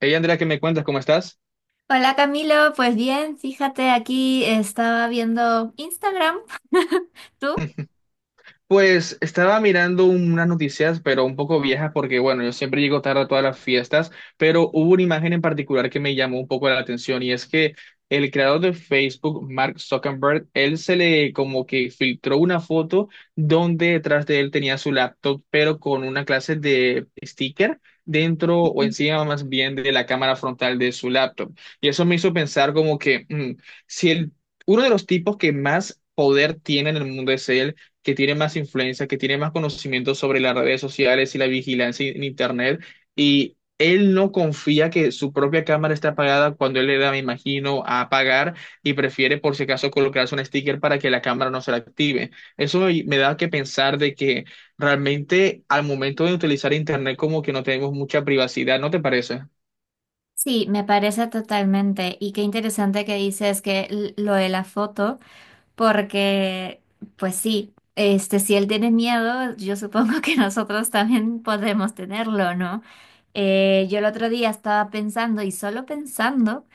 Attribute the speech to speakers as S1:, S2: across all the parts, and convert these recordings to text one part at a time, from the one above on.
S1: Hey Andrea, ¿qué me cuentas? ¿Cómo estás?
S2: Hola Camilo, pues bien, fíjate, aquí estaba viendo Instagram. ¿Tú?
S1: Pues estaba mirando unas noticias, pero un poco viejas, porque bueno, yo siempre llego tarde a todas las fiestas, pero hubo una imagen en particular que me llamó un poco la atención y es que el creador de Facebook, Mark Zuckerberg, él se le como que filtró una foto donde detrás de él tenía su laptop, pero con una clase de sticker dentro o encima más bien de la cámara frontal de su laptop. Y eso me hizo pensar como que mm, si el, uno de los tipos que más poder tiene en el mundo es él, que tiene más influencia, que tiene más conocimiento sobre las redes sociales y la vigilancia en Internet, y él no confía que su propia cámara está apagada cuando él le da, me imagino, a apagar y prefiere por si acaso colocarse un sticker para que la cámara no se la active. Eso me da que pensar de que realmente al momento de utilizar Internet como que no tenemos mucha privacidad, ¿no te parece?
S2: Sí, me parece totalmente. Y qué interesante que dices lo de la foto, porque, pues sí, si él tiene miedo, yo supongo que nosotros también podemos tenerlo, ¿no? Yo el otro día estaba pensando y solo pensando.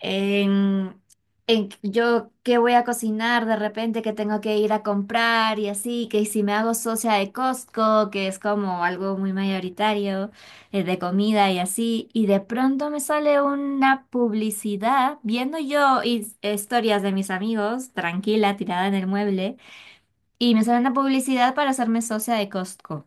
S2: en, en yo qué voy a cocinar de repente, que tengo que ir a comprar y así, que si me hago socia de Costco, que es como algo muy mayoritario, de comida y así, y de pronto me sale una publicidad viendo yo historias de mis amigos, tranquila, tirada en el mueble, y me sale una publicidad para hacerme socia de Costco.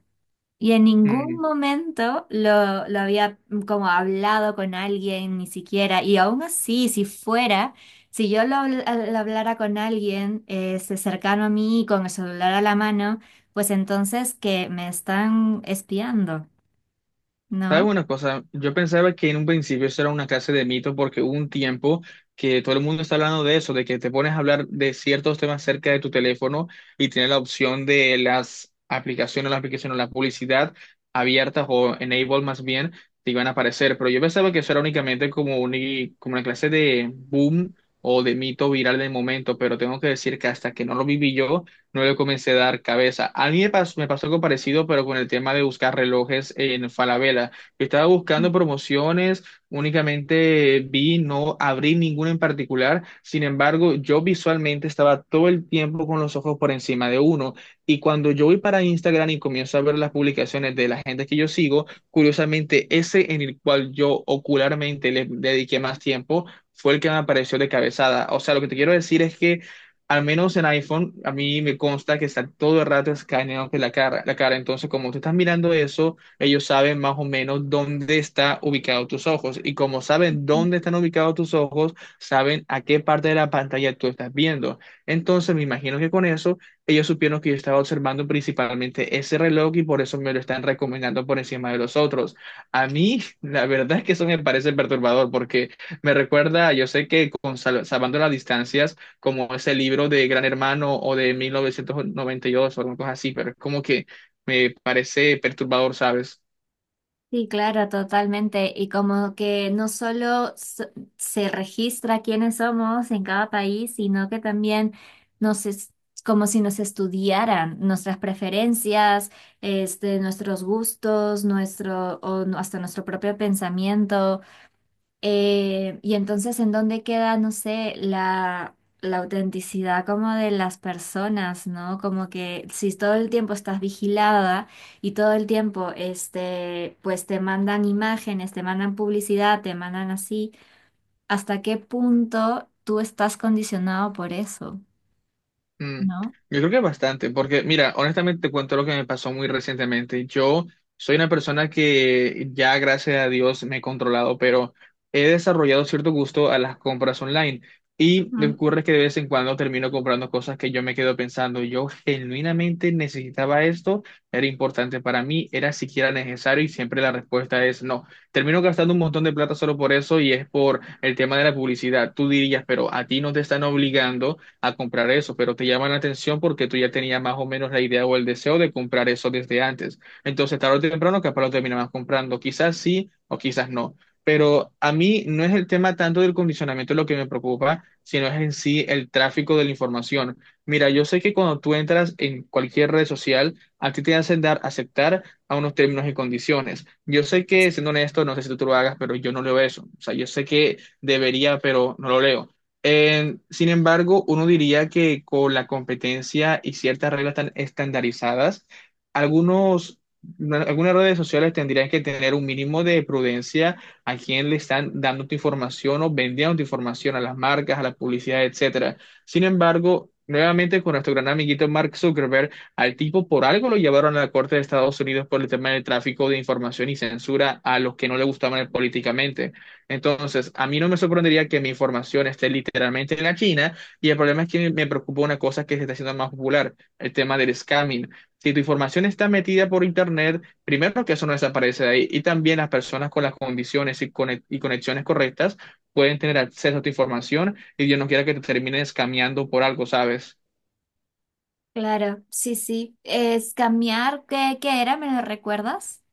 S2: Y en ningún momento lo había como hablado con alguien, ni siquiera. Y aún así, si fuera, si yo lo hablara con alguien, cercano a mí, con el celular a la mano, pues entonces que me están espiando,
S1: ¿Sabes
S2: ¿no?
S1: una cosa? Yo pensaba que en un principio eso era una clase de mito porque hubo un tiempo que todo el mundo está hablando de eso, de que te pones a hablar de ciertos temas cerca de tu teléfono y tienes la opción de las aplicaciones, la publicidad abiertas o enable más bien, te iban a aparecer. Pero yo pensaba que eso era únicamente como una clase de boom o de mito viral del momento, pero tengo que decir que hasta que no lo viví yo, no le comencé a dar cabeza. A mí me pasó algo parecido, pero con el tema de buscar relojes en Falabella. Yo estaba buscando promociones, únicamente vi, no abrí ninguna en particular. Sin embargo, yo visualmente estaba todo el tiempo con los ojos por encima de uno. Y cuando yo voy para Instagram y comienzo a ver las publicaciones de la gente que yo sigo, curiosamente, ese en el cual yo ocularmente le dediqué más tiempo fue el que me apareció de cabezada. O sea, lo que te quiero decir es que. Al menos en iPhone, a mí me consta que está todo el rato escaneando la cara. Entonces, como tú estás mirando eso, ellos saben más o menos dónde están ubicados tus ojos. Y como saben
S2: Mm.
S1: dónde están ubicados tus ojos, saben a qué parte de la pantalla tú estás viendo. Entonces, me imagino que con eso, ellos supieron que yo estaba observando principalmente ese reloj y por eso me lo están recomendando por encima de los otros. A mí, la verdad es que eso me parece perturbador porque me recuerda, yo sé que con Salvando las Distancias, como ese libro de Gran Hermano o de 1992 o algo así, pero es como que me parece perturbador, ¿sabes?
S2: Sí, claro, totalmente. Y como que no solo so- se registra quiénes somos en cada país, sino que también nos es como si nos estudiaran nuestras preferencias, nuestros gustos, nuestro, o no- hasta nuestro propio pensamiento. Y entonces, ¿en dónde queda, no sé, la autenticidad como de las personas, ¿no? Como que si todo el tiempo estás vigilada y todo el tiempo, pues te mandan imágenes, te mandan publicidad, te mandan así, ¿hasta qué punto tú estás condicionado por eso,
S1: Mm,
S2: ¿no?
S1: yo creo que bastante, porque mira, honestamente te cuento lo que me pasó muy recientemente. Yo soy una persona que ya, gracias a Dios, me he controlado, pero he desarrollado cierto gusto a las compras online. Y lo que
S2: Ujú.
S1: ocurre es que de vez en cuando termino comprando cosas que yo me quedo pensando, yo genuinamente necesitaba esto, era importante para mí, era siquiera necesario y siempre la respuesta es no. Termino gastando un montón de plata solo por eso y es por el tema de la publicidad. Tú dirías, pero a ti no te están obligando a comprar eso, pero te llama la atención porque tú ya tenías más o menos la idea o el deseo de comprar eso desde antes. Entonces, tarde o temprano, capaz lo terminabas comprando. Quizás sí o quizás no. Pero a mí no es el tema tanto del condicionamiento lo que me preocupa, sino es en sí el tráfico de la información. Mira, yo sé que cuando tú entras en cualquier red social, a ti te hacen dar aceptar a unos términos y condiciones. Yo sé que, siendo honesto, no sé si tú lo hagas, pero yo no leo eso. O sea, yo sé que debería, pero no lo leo. Sin embargo, uno diría que con la competencia y ciertas reglas tan estandarizadas, algunos, algunas redes sociales tendrían que tener un mínimo de prudencia a quién le están dando tu información o vendiendo tu información a las marcas, a la publicidad, etcétera. Sin embargo, nuevamente con nuestro gran amiguito Mark Zuckerberg, al tipo por algo lo llevaron a la Corte de Estados Unidos por el tema del tráfico de información y censura a los que no le gustaban políticamente. Entonces, a mí no me sorprendería que mi información esté literalmente en la China y el problema es que me preocupa una cosa que se está haciendo más popular, el tema del scamming. Si tu información está metida por Internet, primero que eso no desaparece de ahí y también las personas con las condiciones y conexiones correctas pueden tener acceso a tu información y Dios no quiera que te terminen escameando por algo, ¿sabes?
S2: Claro, sí, sí. Es cambiar, ¿qué era? ¿Me lo recuerdas?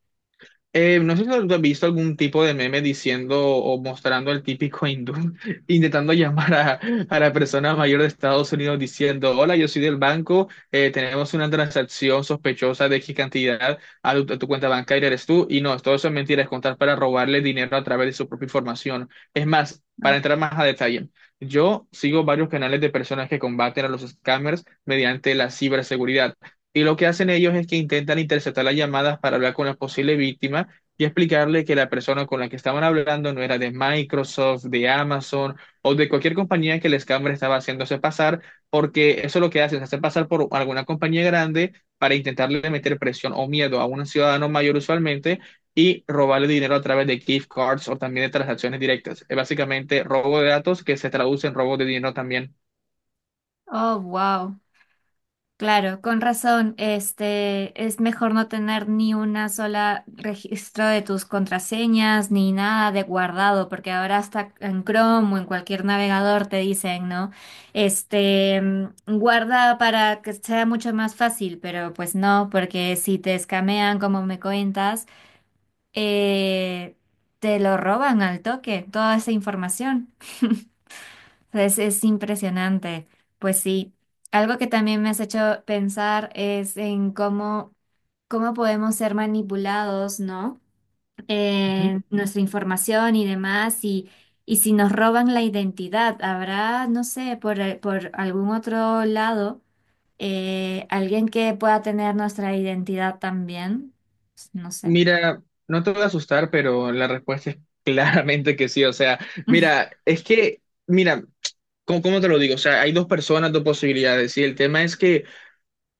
S1: No sé si tú has visto algún tipo de meme diciendo o mostrando al típico hindú intentando llamar a la persona mayor de Estados Unidos diciendo, hola, yo soy del banco, tenemos una transacción sospechosa de X cantidad a tu cuenta bancaria, eres tú. Y no, todo eso es mentira, es contar para robarle dinero a través de su propia información. Es más, para entrar más a detalle, yo sigo varios canales de personas que combaten a los scammers mediante la ciberseguridad. Y lo que hacen ellos es que intentan interceptar las llamadas para hablar con la posible víctima y explicarle que la persona con la que estaban hablando no era de Microsoft, de Amazon o de cualquier compañía que el scammer estaba haciéndose pasar, porque eso es lo que hacen, se hace pasar por alguna compañía grande para intentarle meter presión o miedo a un ciudadano mayor usualmente y robarle dinero a través de gift cards o también de transacciones directas. Es básicamente robo de datos que se traduce en robo de dinero también.
S2: Oh, wow. Claro, con razón. Es mejor no tener ni una sola registro de tus contraseñas ni nada de guardado, porque ahora hasta en Chrome o en cualquier navegador te dicen, ¿no? Este, mm, Guarda para que sea mucho más fácil, pero pues no, porque si te escamean, como me cuentas, eh, te lo roban al toque, toda esa información. Es impresionante. Pues sí, algo que también me has hecho pensar es en cómo podemos ser manipulados, ¿no? Nuestra información y demás, y si nos roban la identidad, habrá, no sé, por algún otro lado, alguien que pueda tener nuestra identidad también, no sé.
S1: Mira, no te voy a asustar, pero la respuesta es claramente que sí. O sea, mira, es que, mira, ¿cómo te lo digo? O sea, hay dos personas, dos posibilidades. Y el tema es que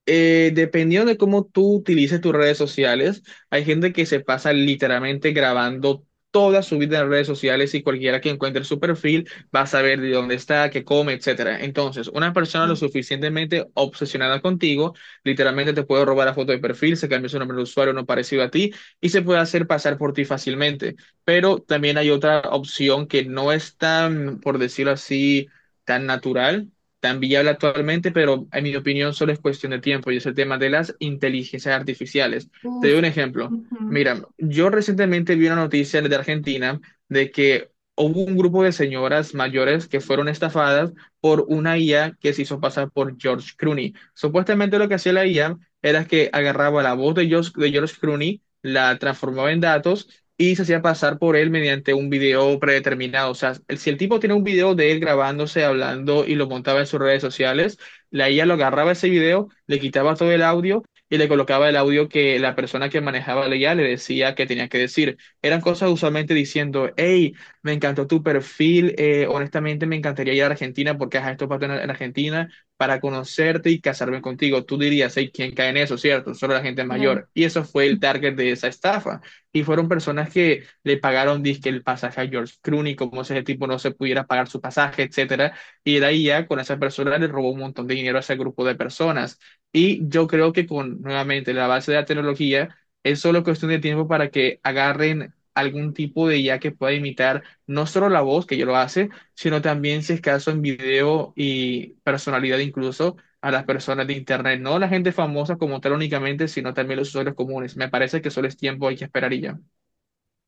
S1: dependiendo de cómo tú utilices tus redes sociales, hay gente que se pasa literalmente grabando toda su vida en redes sociales y cualquiera que encuentre su perfil va a saber de dónde está, qué come, etcétera. Entonces, una persona lo
S2: Ujú.
S1: suficientemente obsesionada contigo, literalmente te puede robar la foto de perfil, se cambia su nombre de usuario, no parecido a ti y se puede hacer pasar por ti fácilmente. Pero también hay otra opción que no es tan, por decirlo así, tan natural tan viable actualmente, pero en mi opinión solo es cuestión de tiempo y es el tema de las inteligencias artificiales. Te
S2: Uf,
S1: doy un ejemplo.
S2: ujú,
S1: Mira, yo recientemente vi una noticia de Argentina de que hubo un grupo de señoras mayores que fueron estafadas por una IA que se hizo pasar por George Clooney. Supuestamente lo que hacía la IA era que agarraba la voz de George Clooney, la transformaba en datos y se hacía pasar por él mediante un video predeterminado. O sea, el- si el tipo tiene un video de él grabándose, hablando y lo montaba en sus redes sociales, la IA lo agarraba ese video, le quitaba todo el audio y le colocaba el audio que la persona que manejaba la IA le decía que tenía que decir. Eran cosas usualmente diciendo, hey, me encantó tu perfil, honestamente me encantaría ir a Argentina porque ajá, esto pasa en Argentina para conocerte y casarme contigo. Tú dirías, hey, ¿quién cae en eso, cierto? Solo la gente
S2: claro.
S1: mayor. Y eso fue el target de esa estafa y fueron personas que le pagaron dizque el pasaje a George Clooney, como si ese tipo no se pudiera pagar su pasaje, etcétera, y de ahí ya con esas personas le robó un montón de dinero a ese grupo de personas. Y yo creo que con nuevamente la base de la tecnología es solo cuestión de tiempo para que agarren algún tipo de IA que pueda imitar no solo la voz, que ya lo hace, sino también si es caso en video y personalidad incluso a las personas de Internet, no la gente famosa como tal únicamente, sino también los usuarios comunes. Me parece que solo es tiempo, hay que esperar y ya.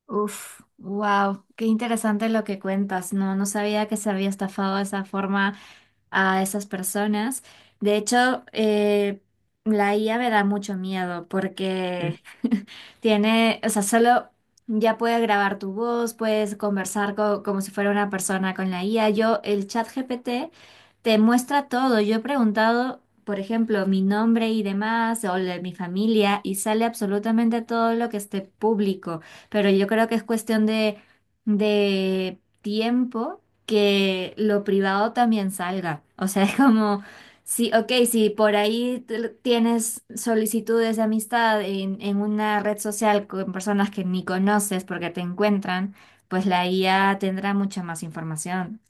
S2: Uf, wow, qué interesante lo que cuentas. No, no sabía que se había estafado de esa forma a esas personas. De hecho, la IA me da mucho miedo porque
S1: Mm,
S2: tiene, o sea, solo ya puede grabar tu voz, puedes como si fuera una persona con la IA. Yo, el chat GPT te muestra todo. Yo he preguntado, por ejemplo, mi nombre y demás, o la de mi familia, y sale absolutamente todo lo que esté público. Pero yo creo que es cuestión de tiempo que lo privado también salga. O sea, es como, sí, ok, si por ahí tienes solicitudes de amistad en una red social con personas que ni conoces porque te encuentran, pues la IA tendrá mucha más información,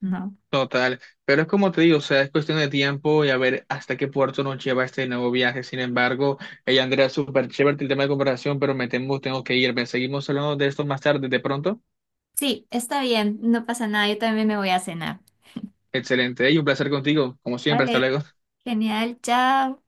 S2: ¿no?
S1: Total, pero es como te digo, o sea, es cuestión de tiempo y a ver hasta qué puerto nos lleva este nuevo viaje. Sin embargo, hey, Andrea, súper chévere el tema de comparación, pero me temo, tengo que irme. Seguimos hablando de esto más tarde, de pronto.
S2: Sí, está bien, no pasa nada, yo también me voy a cenar.
S1: Excelente, y un placer contigo, como siempre, hasta
S2: Vale,
S1: luego.
S2: genial, chao.